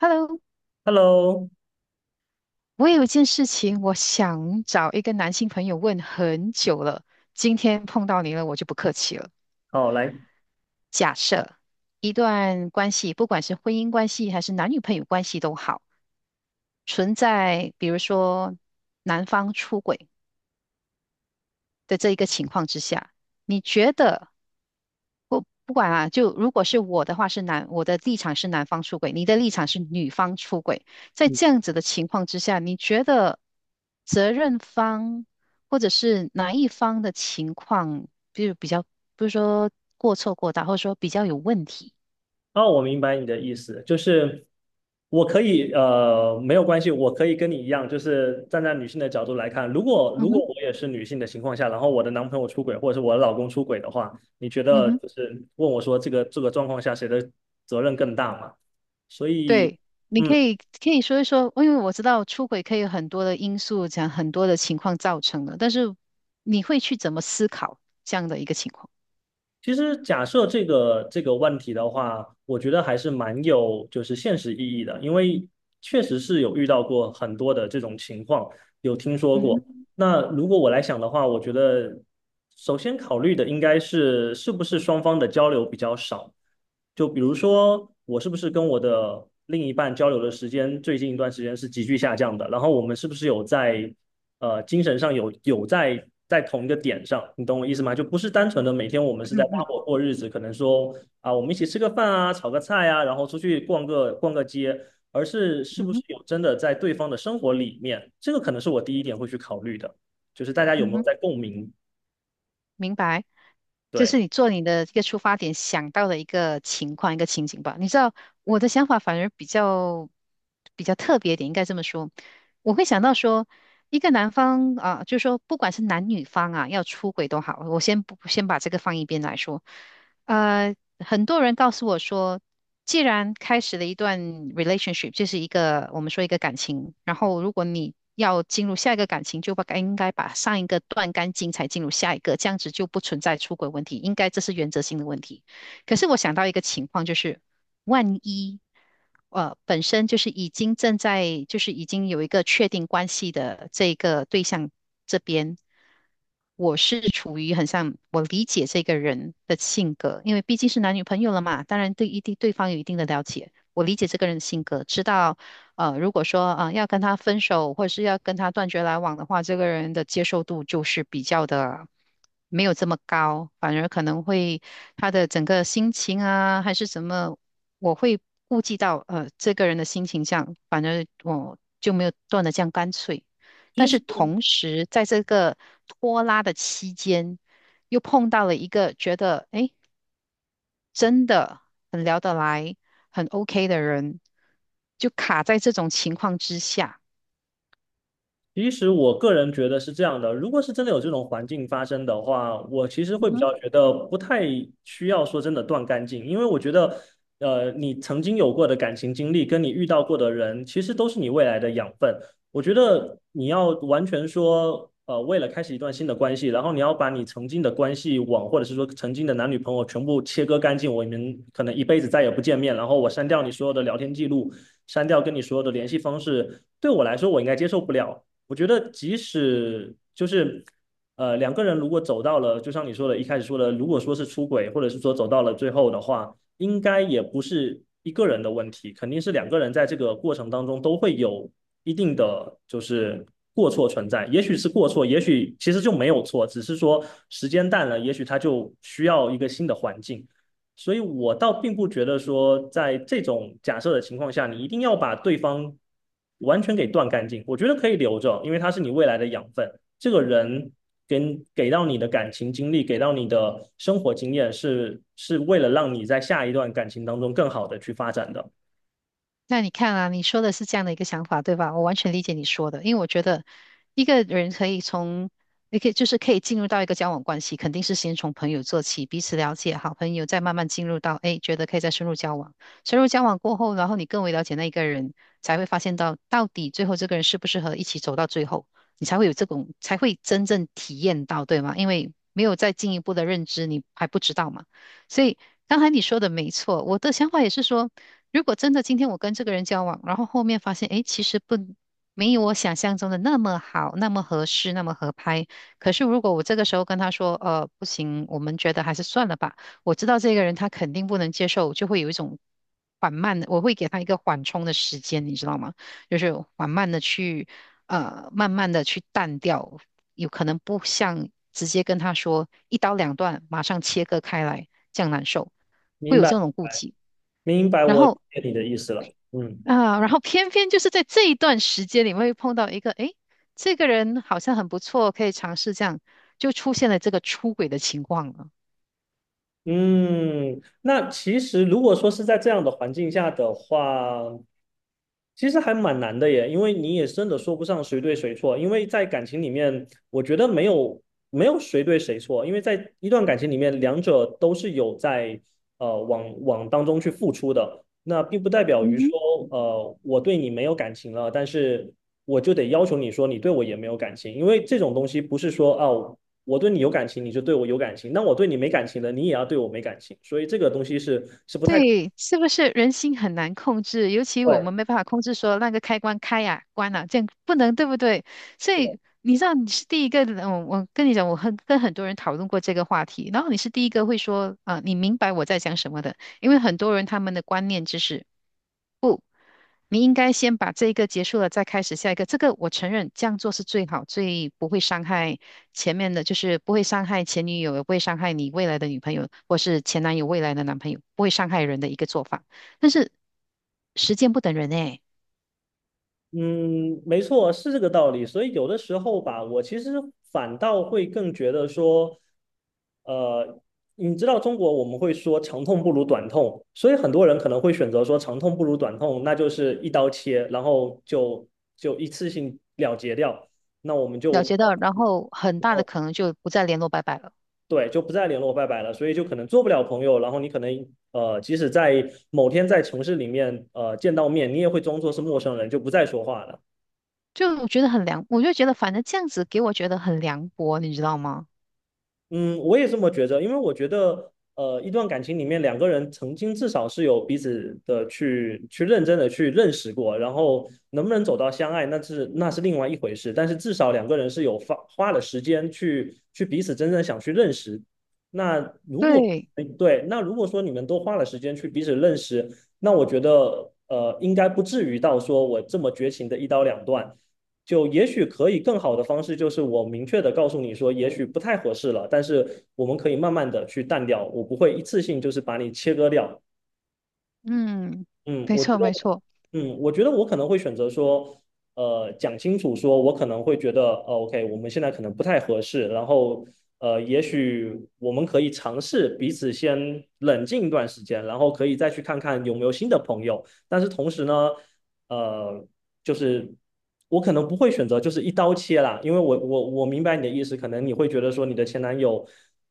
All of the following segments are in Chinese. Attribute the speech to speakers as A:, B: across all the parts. A: Hello，
B: Hello，
A: 我有一件事情，我想找一个男性朋友问很久了。今天碰到你了，我就不客气了。
B: 好，来，
A: 假设一段关系，不管是婚姻关系还是男女朋友关系都好，存在比如说男方出轨的这一个情况之下，你觉得不管啊，就如果是我的话是男，我的立场是男方出轨，你的立场是女方出轨，在这样子的情况之下，你觉得责任方或者是哪一方的情况，就如比较，不是说过错过大，或者说比较有问题？
B: 哦，我明白你的意思，就是我可以，没有关系，我可以跟你一样，就是站在女性的角度来看，如果
A: 嗯
B: 如果
A: 哼。
B: 我也是女性的情况下，然后我的男朋友出轨或者是我的老公出轨的话，你觉
A: 嗯
B: 得
A: 哼。
B: 就是问我说这个状况下谁的责任更大嘛？所以，
A: 对。你
B: 嗯，
A: 可以可以说一说，因为我知道出轨可以有很多的因素，讲很多的情况造成的，但是你会去怎么思考这样的一个情况？
B: 其实假设这个问题的话，我觉得还是蛮有就是现实意义的，因为确实是有遇到过很多的这种情况，有听说
A: 嗯
B: 过。
A: 哼。
B: 那如果我来想的话，我觉得首先考虑的应该是是不是双方的交流比较少。就比如说，我是不是跟我的另一半交流的时间最近一段时间是急剧下降的？然后我们是不是有在精神上有在在同一个点上？你懂我意思吗？就不是单纯的每天我们是在
A: 嗯
B: 搭
A: 嗯。
B: 伙过日子，可能说啊我们一起吃个饭啊，炒个菜啊，然后出去逛个街。而是是
A: 嗯
B: 不是
A: 哼。
B: 有真的在对方的生活里面，这个可能是我第一点会去考虑的，就是大家有没
A: 嗯
B: 有
A: 哼。
B: 在共鸣。
A: 明白，就
B: 对，
A: 是你做你的一个出发点想到的一个情况、一个情景吧。你知道我的想法反而比较特别一点，应该这么说。我会想到说，一个男方啊，就是说不管是男女方啊，要出轨都好，我先不先把这个放一边来说。呃，很多人告诉我说，既然开始了一段 relationship，就是一个我们说一个感情，然后如果你要进入下一个感情，就把应该把上一个断干净才进入下一个，这样子就不存在出轨问题，应该这是原则性的问题。可是我想到一个情况，就是万一本身就是已经正在就是已经有一个确定关系的这个对象这边，我是处于很像我理解这个人的性格，因为毕竟是男女朋友了嘛，当然对一定对方有一定的了解，我理解这个人的性格，知道如果说啊、要跟他分手或者是要跟他断绝来往的话，这个人的接受度就是比较的。没有这么高，反而可能会他的整个心情啊，还是什么我会顾及到这个人的心情这样，反正我就没有断的这样干脆。
B: 其
A: 但
B: 实
A: 是同时，在这个拖拉的期间，又碰到了一个觉得诶真的很聊得来、很 OK 的人，就卡在这种情况之下。
B: 其实我个人觉得是这样的，如果是真的有这种环境发生的话，我其实会比较觉得不太需要说真的断干净，因为我觉得，你曾经有过的感情经历跟你遇到过的人，其实都是你未来的养分。我觉得你要完全说，为了开始一段新的关系，然后你要把你曾经的关系网，或者是说曾经的男女朋友全部切割干净，我们可能一辈子再也不见面，然后我删掉你所有的聊天记录，删掉跟你所有的联系方式，对我来说我应该接受不了。我觉得即使就是，两个人如果走到了，就像你说的，一开始说的，如果说是出轨，或者是说走到了最后的话，应该也不是一个人的问题，肯定是两个人在这个过程当中都会有一定的就是过错存在，也许是过错，也许其实就没有错，只是说时间淡了，也许他就需要一个新的环境。所以我倒并不觉得说，在这种假设的情况下，你一定要把对方完全给断干净。我觉得可以留着，因为他是你未来的养分。这个人给到你的感情经历，给到你的生活经验是，是为了让你在下一段感情当中更好的去发展的。
A: 那你看啊，你说的是这样的一个想法，对吧？我完全理解你说的，因为我觉得一个人可以从，也可以可以进入到一个交往关系，肯定是先从朋友做起，彼此了解，好朋友，再慢慢进入到，哎，觉得可以再深入交往。深入交往过后，然后你更为了解那一个人，才会发现到到底最后这个人适不适合一起走到最后，你才会有这种，才会真正体验到，对吗？因为没有再进一步的认知，你还不知道嘛。所以刚才你说的没错，我的想法也是说。如果真的今天我跟这个人交往，然后后面发现，诶，其实不，没有我想象中的那么好，那么合适，那么合拍。可是如果我这个时候跟他说，不行，我们觉得还是算了吧。我知道这个人他肯定不能接受，我就会有一种缓慢的，我会给他一个缓冲的时间，你知道吗？就是缓慢的去，慢慢的去淡掉，有可能不像直接跟他说一刀两断，马上切割开来，这样难受，会
B: 明
A: 有
B: 白，
A: 这种顾忌。
B: 明白，
A: 然
B: 我理
A: 后
B: 解你的意思了。嗯
A: 啊，然后偏偏就是在这一段时间里面会碰到一个，诶，这个人好像很不错，可以尝试这样，就出现了这个出轨的情况了。
B: 嗯，那其实如果说是在这样的环境下的话，其实还蛮难的耶，因为你也真的说不上谁对谁错，因为在感情里面，我觉得没有谁对谁错，因为在一段感情里面，两者都是有在往往当中去付出的，那并不代表
A: 嗯
B: 于
A: 哼。
B: 说我对你没有感情了，但是我就得要求你说你对我也没有感情，因为这种东西不是说哦我对你有感情你就对我有感情，那我对你没感情了，你也要对我没感情，所以这个东西是是不太对。
A: 对，是不是人心很难控制？尤其我们没办法控制说那个开关开呀、关了，这样不能，对不对？所以你知道你是第一个，我跟你讲，我很跟很多人讨论过这个话题，然后你是第一个会说，啊、你明白我在讲什么的，因为很多人他们的观念就是。你应该先把这一个结束了，再开始下一个。这个我承认，这样做是最好，最不会伤害前面的，就是不会伤害前女友，也不会伤害你未来的女朋友，或是前男友未来的男朋友，不会伤害人的一个做法。但是时间不等人诶，
B: 嗯，没错，是这个道理。所以有的时候吧，我其实反倒会更觉得说，呃，你知道中国我们会说长痛不如短痛，所以很多人可能会选择说长痛不如短痛，那就是一刀切，然后就一次性了结掉，那我们
A: 了
B: 就
A: 解到，然后很大的
B: 哦，
A: 可能就不再联络，拜拜了。
B: 对，就不再联络，拜拜了。所以就可能做不了朋友，然后你可能即使在某天在城市里面见到面，你也会装作是陌生人，就不再说话了。
A: 就我觉得很凉，我就觉得反正这样子给我觉得很凉薄，你知道吗？
B: 嗯，我也这么觉着，因为我觉得，一段感情里面两个人曾经至少是有彼此的去认真的去认识过，然后能不能走到相爱，那是另外一回事，但是至少两个人是有花了时间去彼此真正想去认识。那如果
A: 对。
B: 哎对，那如果说你们都花了时间去彼此认识，那我觉得应该不至于到说我这么绝情的一刀两断。就也许可以更好的方式，就是我明确的告诉你说，也许不太合适了，但是我们可以慢慢的去淡掉，我不会一次性就是把你切割掉，
A: 嗯，
B: 嗯，
A: 没
B: 我觉
A: 错没
B: 得，
A: 错。
B: 嗯，我觉得我可能会选择说，讲清楚说，我可能会觉得，哦，OK，我们现在可能不太合适，然后，也许我们可以尝试彼此先冷静一段时间，然后可以再去看看有没有新的朋友。但是同时呢，呃，就是我可能不会选择就是一刀切啦，因为我明白你的意思，可能你会觉得说你的前男友，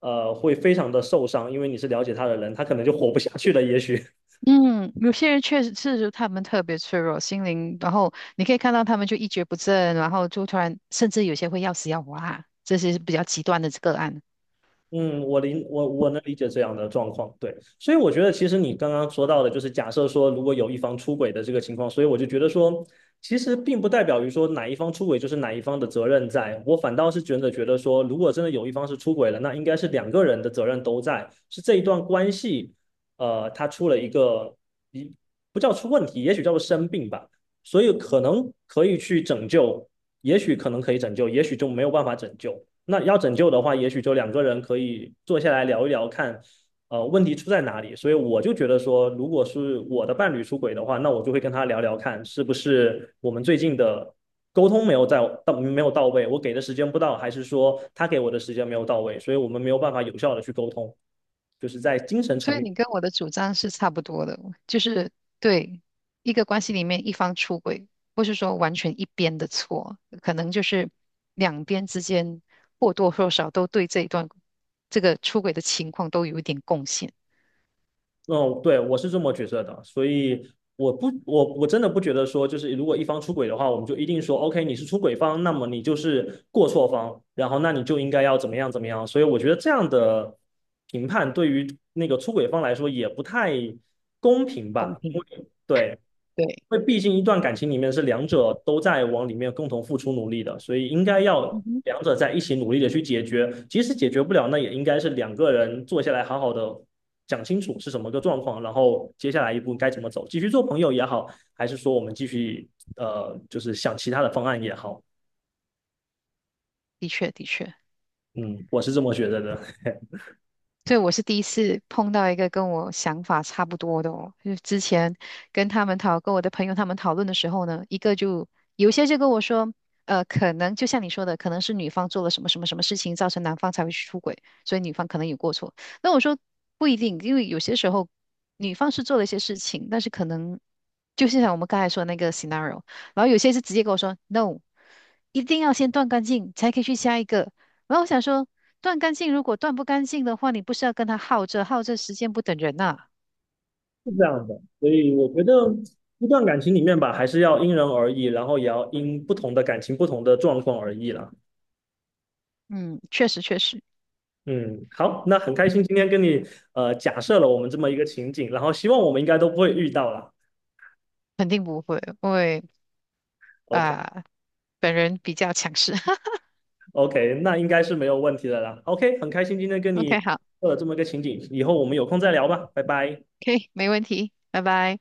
B: 会非常的受伤，因为你是了解他的人，他可能就活不下去了，也许。
A: 嗯，有些人确实是他们特别脆弱，心灵，然后你可以看到他们就一蹶不振，然后就突然，甚至有些会要死要活啊，这些是比较极端的个案。
B: 嗯，我能理解这样的状况，对，所以我觉得其实你刚刚说到的，就是假设说如果有一方出轨的这个情况，所以我就觉得说，其实并不代表于说哪一方出轨就是哪一方的责任在，我反倒是觉得说，如果真的有一方是出轨了，那应该是两个人的责任都在，是这一段关系，它出了一个一不叫出问题，也许叫做生病吧。所以可能可以去拯救，也许可能可以拯救，也许就没有办法拯救。那要拯救的话，也许就两个人可以坐下来聊一聊，看问题出在哪里。所以我就觉得说，如果是我的伴侣出轨的话，那我就会跟他聊聊看，是不是我们最近的沟通没有在到没有到位，我给的时间不到，还是说他给我的时间没有到位，所以我们没有办法有效的去沟通，就是在精神
A: 所
B: 层
A: 以
B: 面
A: 你跟我的主张是差不多的，就是对一个关系里面一方出轨，不是说完全一边的错，可能就是两边之间或多或少都对这一段这个出轨的情况都有一点贡献，
B: 嗯，对，我是这么觉得的，所以我真的不觉得说，就是如果一方出轨的话，我们就一定说，OK，你是出轨方，那么你就是过错方，然后那你就应该要怎么样怎么样。所以我觉得这样的评判对于那个出轨方来说也不太公平
A: 公
B: 吧，因
A: 平。
B: 为对。
A: 对。
B: 因为毕竟一段感情里面是两者都在往里面共同付出努力的，所以应该要
A: 嗯哼。
B: 两者在一起努力的去解决。即使解决不了，那也应该是两个人坐下来好好的讲清楚是什么个状况，然后接下来一步该怎么走，继续做朋友也好，还是说我们继续就是想其他的方案也好。
A: 的确，的确。
B: 嗯，我是这么觉得的，是
A: 对，我是第一次碰到一个跟我想法差不多的哦。就是之前跟他们讨，跟我的朋友他们讨论的时候呢，一个就有些就跟我说，可能就像你说的，可能是女方做了什么什么什么事情，造成男方才会去出轨，所以女方可能有过错。那我说不一定，因为有些时候女方是做了一些事情，但是可能就是像我们刚才说的那个 scenario，然后有些是直接跟我说 no，一定要先断干净才可以去下一个。然后我想说。断干净，如果断不干净的话，你不是要跟他耗着，耗着时间不等人呐、
B: 这样的。所以我觉得一段感情里面吧，还是要因人而异，然后也要因不同的感情、不同的状况而异啦。
A: 嗯，确实确实，
B: 嗯，好，那很开心今天跟你假设了我们这么一个情景，然后希望我们应该都不会遇到了。
A: 肯定不会，因为
B: OK。
A: 啊、本人比较强势。
B: OK，那应该是没有问题的啦。OK，很开心今天跟
A: OK，
B: 你
A: 好，
B: 做了这么一个情景，以后我们有空再聊吧，拜拜。
A: 可以，没问题，拜拜。